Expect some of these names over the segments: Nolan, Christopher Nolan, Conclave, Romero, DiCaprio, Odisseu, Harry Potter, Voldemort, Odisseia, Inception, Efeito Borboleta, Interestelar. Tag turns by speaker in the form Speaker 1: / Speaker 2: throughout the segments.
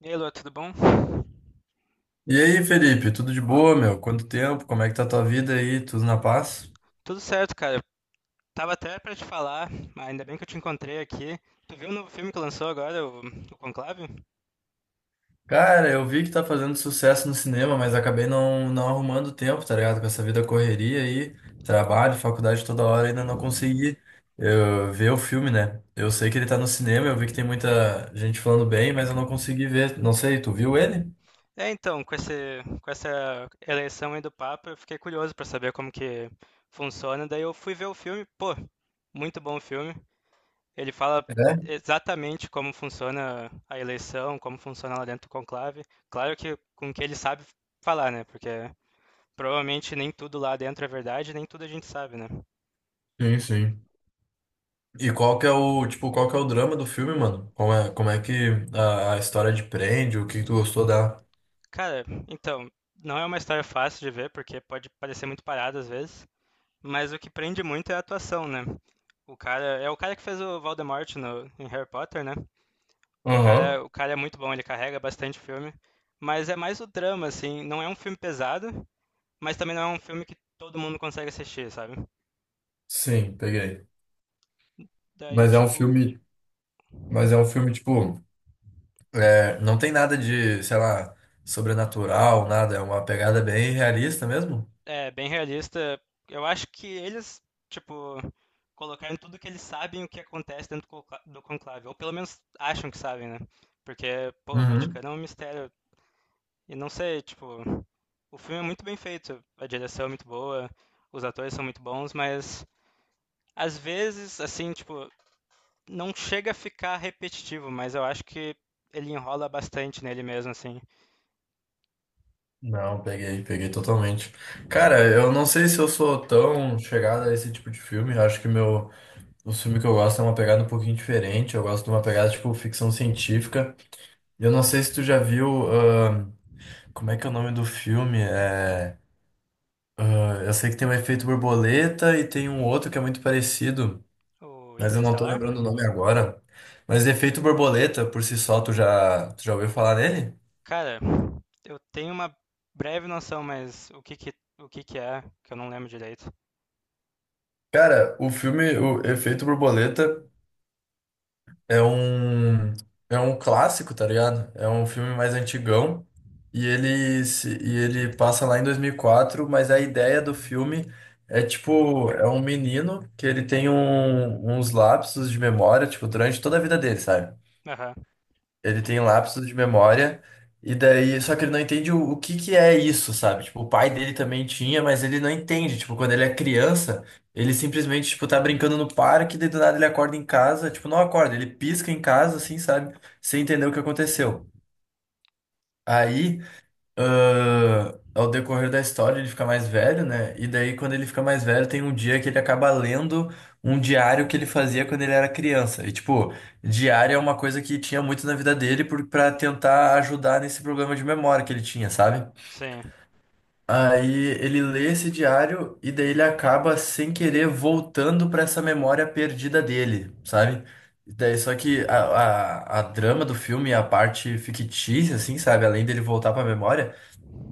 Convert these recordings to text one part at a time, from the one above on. Speaker 1: E aí, Lua, tudo bom?
Speaker 2: E aí, Felipe, tudo de boa, meu? Quanto tempo? Como é que tá a tua vida aí? Tudo na paz?
Speaker 1: Tudo certo, cara. Tava até pra te falar, mas ainda bem que eu te encontrei aqui. Tu viu o novo filme que lançou agora, o Conclave?
Speaker 2: Cara, eu vi que tá fazendo sucesso no cinema, mas acabei não arrumando tempo, tá ligado? Com essa vida correria aí, trabalho, faculdade toda hora, ainda não consegui ver o filme, né? Eu sei que ele tá no cinema, eu vi que tem muita gente falando bem, mas eu não consegui ver. Não sei, tu viu ele?
Speaker 1: É, então, com essa eleição aí do Papa, eu fiquei curioso pra saber como que funciona. Daí eu fui ver o filme, pô, muito bom o filme. Ele fala
Speaker 2: É?
Speaker 1: exatamente como funciona a eleição, como funciona lá dentro do Conclave. Claro que com o que ele sabe falar, né? Porque provavelmente nem tudo lá dentro é verdade, nem tudo a gente sabe, né?
Speaker 2: Sim, sim. E qual que é o, tipo, qual que é o drama do filme, mano? Como é que a história de prende, o que que tu gostou da...
Speaker 1: Cara, então, não é uma história fácil de ver, porque pode parecer muito parada às vezes, mas o que prende muito é a atuação, né? O cara, é o cara que fez o Voldemort no, em Harry Potter, né?
Speaker 2: Aham.
Speaker 1: O cara é muito bom, ele carrega bastante filme, mas é mais o drama, assim, não é um filme pesado, mas também não é um filme que todo mundo consegue assistir, sabe?
Speaker 2: Sim, peguei.
Speaker 1: Daí,
Speaker 2: Mas é um
Speaker 1: tipo,
Speaker 2: filme, mas é um filme, tipo, é, não tem nada de, sei lá, sobrenatural, nada. É uma pegada bem realista mesmo.
Speaker 1: é, bem realista. Eu acho que eles, tipo, colocaram tudo que eles sabem o que acontece dentro do conclave, ou pelo menos acham que sabem, né? Porque, pô, o
Speaker 2: Uhum.
Speaker 1: Vaticano é um mistério. E não sei, tipo, o filme é muito bem feito, a direção é muito boa, os atores são muito bons, mas às vezes, assim, tipo, não chega a ficar repetitivo, mas eu acho que ele enrola bastante nele mesmo, assim.
Speaker 2: Não, peguei, peguei totalmente. Cara, eu não sei se eu sou tão chegado a esse tipo de filme. Eu acho que meu, o filme que eu gosto é uma pegada um pouquinho diferente. Eu gosto de uma pegada tipo ficção científica. Eu não sei se tu já viu, como é que é o nome do filme? É, ah, eu sei que tem o Efeito Borboleta e tem um outro que é muito parecido.
Speaker 1: O
Speaker 2: Mas eu não tô
Speaker 1: Interestelar?
Speaker 2: lembrando o nome agora. Mas Efeito Borboleta, por si só, tu já ouviu falar nele?
Speaker 1: Cara, eu tenho uma breve noção, mas o que que é, que eu não lembro direito.
Speaker 2: Cara, o filme, o Efeito Borboleta é um é um clássico, tá ligado? É um filme mais antigão e ele se- e ele passa lá em 2004. Mas a ideia do filme é tipo, é um menino que ele tem uns lapsos de memória, tipo, durante toda a vida dele, sabe?
Speaker 1: Aham,
Speaker 2: Ele tem lapsos de memória, e daí, só que ele não entende o que que é isso, sabe? Tipo, o pai dele também tinha, mas ele não entende. Tipo, quando ele é criança, ele simplesmente, tipo, tá brincando no parque, daí do nada ele acorda em casa, tipo, não acorda, ele pisca em casa, assim, sabe? Sem entender o que aconteceu. Aí ao decorrer da história ele fica mais velho, né? E daí, quando ele fica mais velho, tem um dia que ele acaba lendo um diário que ele fazia quando ele era criança. E, tipo, diário é uma coisa que tinha muito na vida dele pra tentar ajudar nesse problema de memória que ele tinha, sabe?
Speaker 1: sim,
Speaker 2: Aí ele lê esse diário e daí ele acaba sem querer voltando pra essa memória perdida dele, sabe? E daí, só que a drama do filme, a parte fictícia, assim, sabe? Além dele voltar pra memória.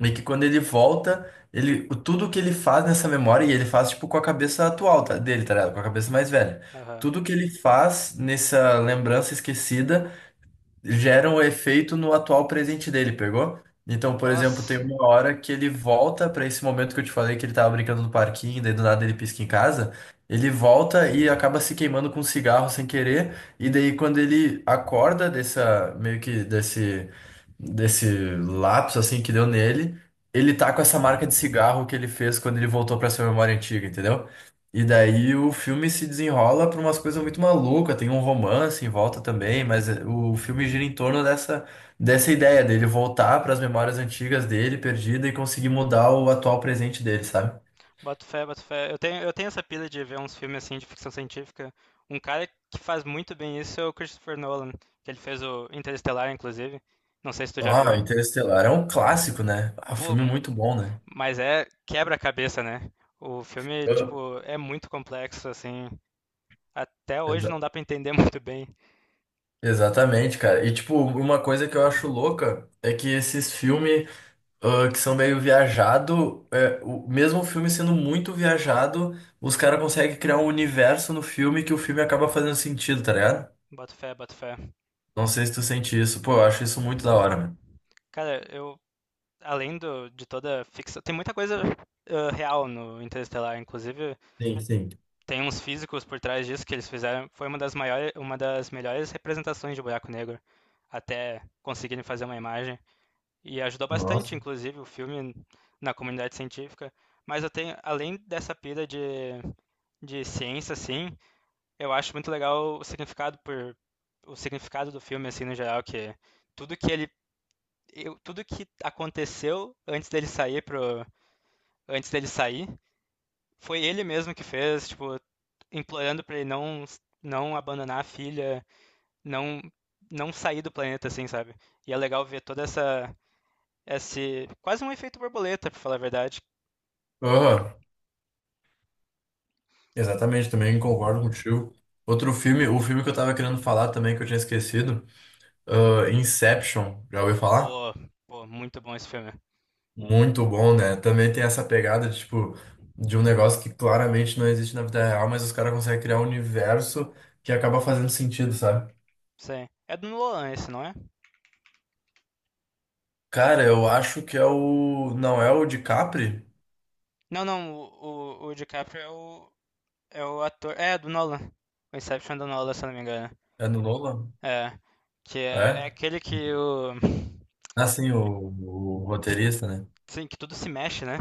Speaker 2: E que quando ele volta, tudo que ele faz nessa memória, e ele faz tipo com a cabeça dele, tá ligado? Com a cabeça mais velha.
Speaker 1: aham.
Speaker 2: Tudo que ele faz nessa lembrança esquecida geram o efeito no atual presente dele, pegou? Então, por exemplo, tem
Speaker 1: Nossa,
Speaker 2: uma hora que ele volta pra esse momento que eu te falei que ele tava brincando no parquinho, daí do nada ele pisca em casa. Ele volta e acaba se queimando com um cigarro sem querer, e daí quando ele acorda dessa meio que desse lapso assim que deu nele, ele tá com essa marca de cigarro que ele fez quando ele voltou pra sua memória antiga, entendeu? E daí o filme se desenrola para umas coisas muito malucas, tem um romance em volta também, mas o filme gira em torno dessa ideia dele voltar para as memórias antigas dele, perdida, e conseguir mudar o atual presente dele, sabe?
Speaker 1: boto fé, boto fé. Eu tenho essa pira de ver uns filmes assim de ficção científica. Um cara que faz muito bem isso é o Christopher Nolan, que ele fez o Interestelar, inclusive. Não sei se tu já
Speaker 2: Ah,
Speaker 1: viu.
Speaker 2: Interestelar é um clássico, né? Ah, um
Speaker 1: Pô,
Speaker 2: filme
Speaker 1: mu-
Speaker 2: muito bom, né?
Speaker 1: mas é quebra-cabeça, né? O filme,
Speaker 2: Eu-
Speaker 1: tipo, é muito complexo, assim. Até hoje
Speaker 2: Exa-
Speaker 1: não dá pra entender muito bem.
Speaker 2: exatamente, cara. E tipo, uma coisa que eu acho louca é que esses filmes. Que são meio viajado, é, o mesmo o filme sendo muito viajado, os caras conseguem criar um universo no filme que o filme acaba fazendo sentido, tá ligado?
Speaker 1: Boto fé, boto fé.
Speaker 2: Não sei se tu sente isso. Pô, eu acho isso muito da hora, mano.
Speaker 1: Cara, eu de toda ficção, tem muita coisa real no Interestelar, inclusive
Speaker 2: Sim, sim.
Speaker 1: tem uns físicos por trás disso que eles fizeram, foi uma das melhores representações de buraco negro até conseguirem fazer uma imagem e ajudou bastante,
Speaker 2: Nossa.
Speaker 1: inclusive, o filme na comunidade científica. Mas eu tenho, além dessa pira de ciência, assim, eu acho muito legal o significado do filme, assim, no geral, que tudo que ele tudo que aconteceu antes dele sair. Foi ele mesmo que fez, tipo, implorando pra ele não, não abandonar a filha, não, não sair do planeta, assim, sabe? E é legal ver toda essa. Esse, quase um efeito borboleta, pra falar a verdade.
Speaker 2: Aham. Exatamente, também concordo contigo. Outro filme, o filme que eu tava querendo falar também, que eu tinha esquecido, Inception. Já ouviu falar?
Speaker 1: Pô, pô, muito bom esse filme.
Speaker 2: Muito bom, né? Também tem essa pegada de, tipo, de um negócio que claramente não existe na vida real, mas os caras conseguem criar um universo que acaba fazendo sentido, sabe?
Speaker 1: Sim. É do Nolan esse, não é?
Speaker 2: Cara, eu acho que é o. Não é o DiCaprio?
Speaker 1: Não, não, o DiCaprio é é o ator. É, do Nolan. O Inception do Nolan, se eu não me engano.
Speaker 2: É no Nolan?
Speaker 1: É. Que é, é
Speaker 2: É?
Speaker 1: aquele que o.
Speaker 2: Assim, o
Speaker 1: que
Speaker 2: roteirista, né?
Speaker 1: Sim, que tudo se mexe, né?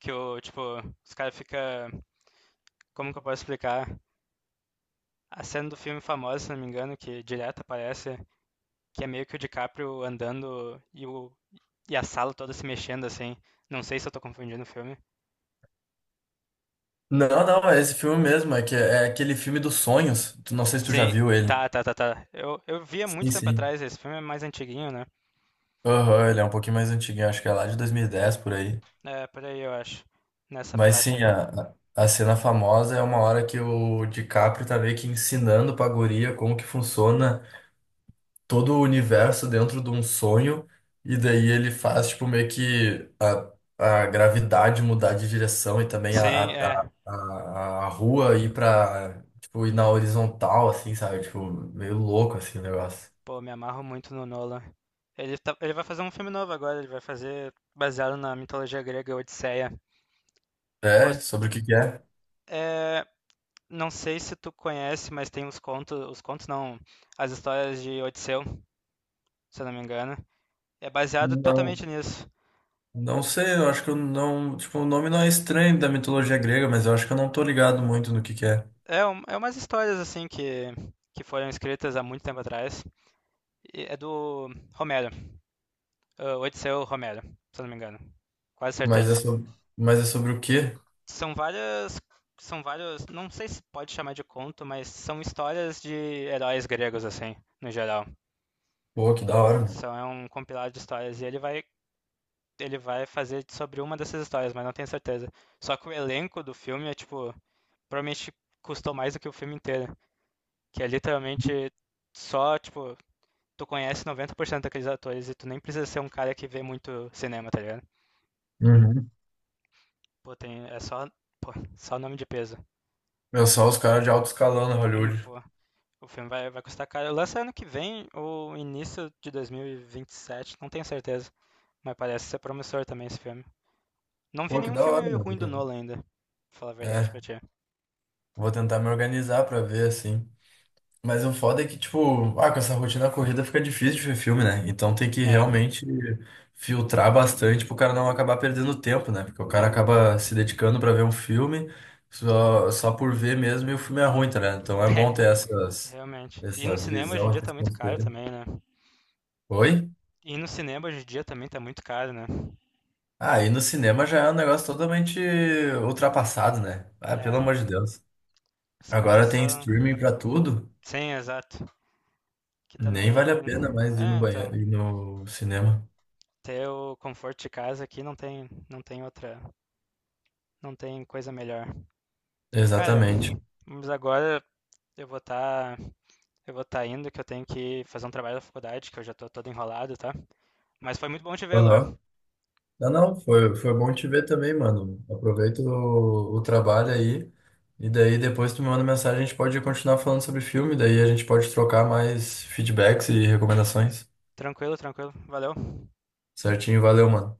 Speaker 1: Que o, tipo, os caras fica, como que eu posso explicar? A cena do filme famosa, se não me engano, que direto aparece, que é meio que o DiCaprio andando e a sala toda se mexendo assim. Não sei se eu tô confundindo o filme.
Speaker 2: Não, não, é esse filme mesmo. É, que, é aquele filme dos sonhos. Não sei se tu já
Speaker 1: Sim,
Speaker 2: viu ele.
Speaker 1: tá, tá, tá, tá. Eu vi há muito
Speaker 2: Sim,
Speaker 1: tempo
Speaker 2: sim.
Speaker 1: atrás esse filme, é mais antiguinho, né?
Speaker 2: Aham, ele é um pouquinho mais antiguinho, acho que é lá de 2010 por aí.
Speaker 1: É, por aí eu acho, nessa
Speaker 2: Mas
Speaker 1: faixa.
Speaker 2: sim,
Speaker 1: Aí.
Speaker 2: a cena famosa é uma hora que o DiCaprio tá meio que ensinando pra guria como que funciona todo o universo dentro de um sonho, e daí ele faz, tipo, meio que a gravidade mudar de direção e também
Speaker 1: Sim, é.
Speaker 2: a rua ir pra, tipo, ir na horizontal, assim, sabe? Tipo, meio louco, assim, o negócio.
Speaker 1: Pô, me amarro muito no Nolan. Ele vai fazer um filme novo agora, ele vai fazer baseado na mitologia grega Odisseia. Pô,
Speaker 2: É, sobre o que que é?
Speaker 1: é, não sei se tu conhece, mas tem os contos não, as histórias de Odisseu, se eu não me engano. É baseado
Speaker 2: Não,
Speaker 1: totalmente nisso.
Speaker 2: não sei, eu acho que eu não, tipo, o nome não é estranho da mitologia grega, mas eu acho que eu não tô ligado muito no que é.
Speaker 1: É umas histórias assim que foram escritas há muito tempo atrás. E é do Romero, ah, Odisseu Romero, se eu não me engano. Quase
Speaker 2: Mas é
Speaker 1: certeza.
Speaker 2: sobre, mas é sobre o quê?
Speaker 1: São várias, são vários, não sei se pode chamar de conto, mas são histórias de heróis gregos assim, no geral.
Speaker 2: Pô, que da hora, né?
Speaker 1: São é um compilado de histórias e ele vai fazer sobre uma dessas histórias, mas não tenho certeza. Só que o elenco do filme é, tipo, provavelmente custou mais do que o filme inteiro. Que é literalmente só, tipo, tu conhece 90% daqueles atores e tu nem precisa ser um cara que vê muito cinema, tá ligado?
Speaker 2: Uhum.
Speaker 1: Pô, tem, é só, pô, só nome de peso.
Speaker 2: Pensar os caras de alto escalão na Hollywood.
Speaker 1: Pô, vai custar caro. Lança ano que vem ou início de 2027, não tenho certeza. Mas parece ser promissor também esse filme. Não vi
Speaker 2: Pô, que
Speaker 1: nenhum
Speaker 2: da hora,
Speaker 1: filme
Speaker 2: meu.
Speaker 1: ruim do Nolan ainda, pra falar a verdade
Speaker 2: É,
Speaker 1: pra ti.
Speaker 2: vou tentar me organizar pra ver, assim. Mas o foda é que, tipo, com essa rotina corrida fica difícil de ver filme, né? Então tem que
Speaker 1: É,
Speaker 2: realmente filtrar bastante pro cara não acabar perdendo tempo, né? Porque o cara acaba se dedicando pra ver um filme só por ver mesmo e o filme é ruim, tá, né? Então é bom
Speaker 1: é,
Speaker 2: ter essas,
Speaker 1: realmente. E no
Speaker 2: essas
Speaker 1: cinema hoje em
Speaker 2: visões,
Speaker 1: dia tá
Speaker 2: essas
Speaker 1: muito caro
Speaker 2: conselhos.
Speaker 1: também, né?
Speaker 2: Oi?
Speaker 1: E no cinema hoje em dia também tá muito caro, né?
Speaker 2: Ah, e no cinema já é um negócio totalmente ultrapassado, né? Ah,
Speaker 1: É,
Speaker 2: pelo amor de Deus.
Speaker 1: os caras
Speaker 2: Agora tem
Speaker 1: só.
Speaker 2: streaming pra tudo,
Speaker 1: Sim, exato. Que
Speaker 2: nem vale a
Speaker 1: também.
Speaker 2: pena mais ir
Speaker 1: É,
Speaker 2: no
Speaker 1: então.
Speaker 2: banheiro, ir no cinema.
Speaker 1: Ter o conforto de casa aqui não tem, não tem outra. Não tem coisa melhor. Cara,
Speaker 2: Exatamente.
Speaker 1: mas agora eu vou estar. eu vou estar indo, que eu tenho que fazer um trabalho da faculdade, que eu já tô todo enrolado, tá? Mas foi muito bom te ver, Luan.
Speaker 2: Aham. Não, não, foi, foi bom te ver também, mano. Aproveita o trabalho aí. E daí depois tu me manda mensagem, a gente pode continuar falando sobre filme, daí a gente pode trocar mais feedbacks e recomendações.
Speaker 1: Tranquilo, tranquilo. Valeu.
Speaker 2: Certinho, valeu, mano.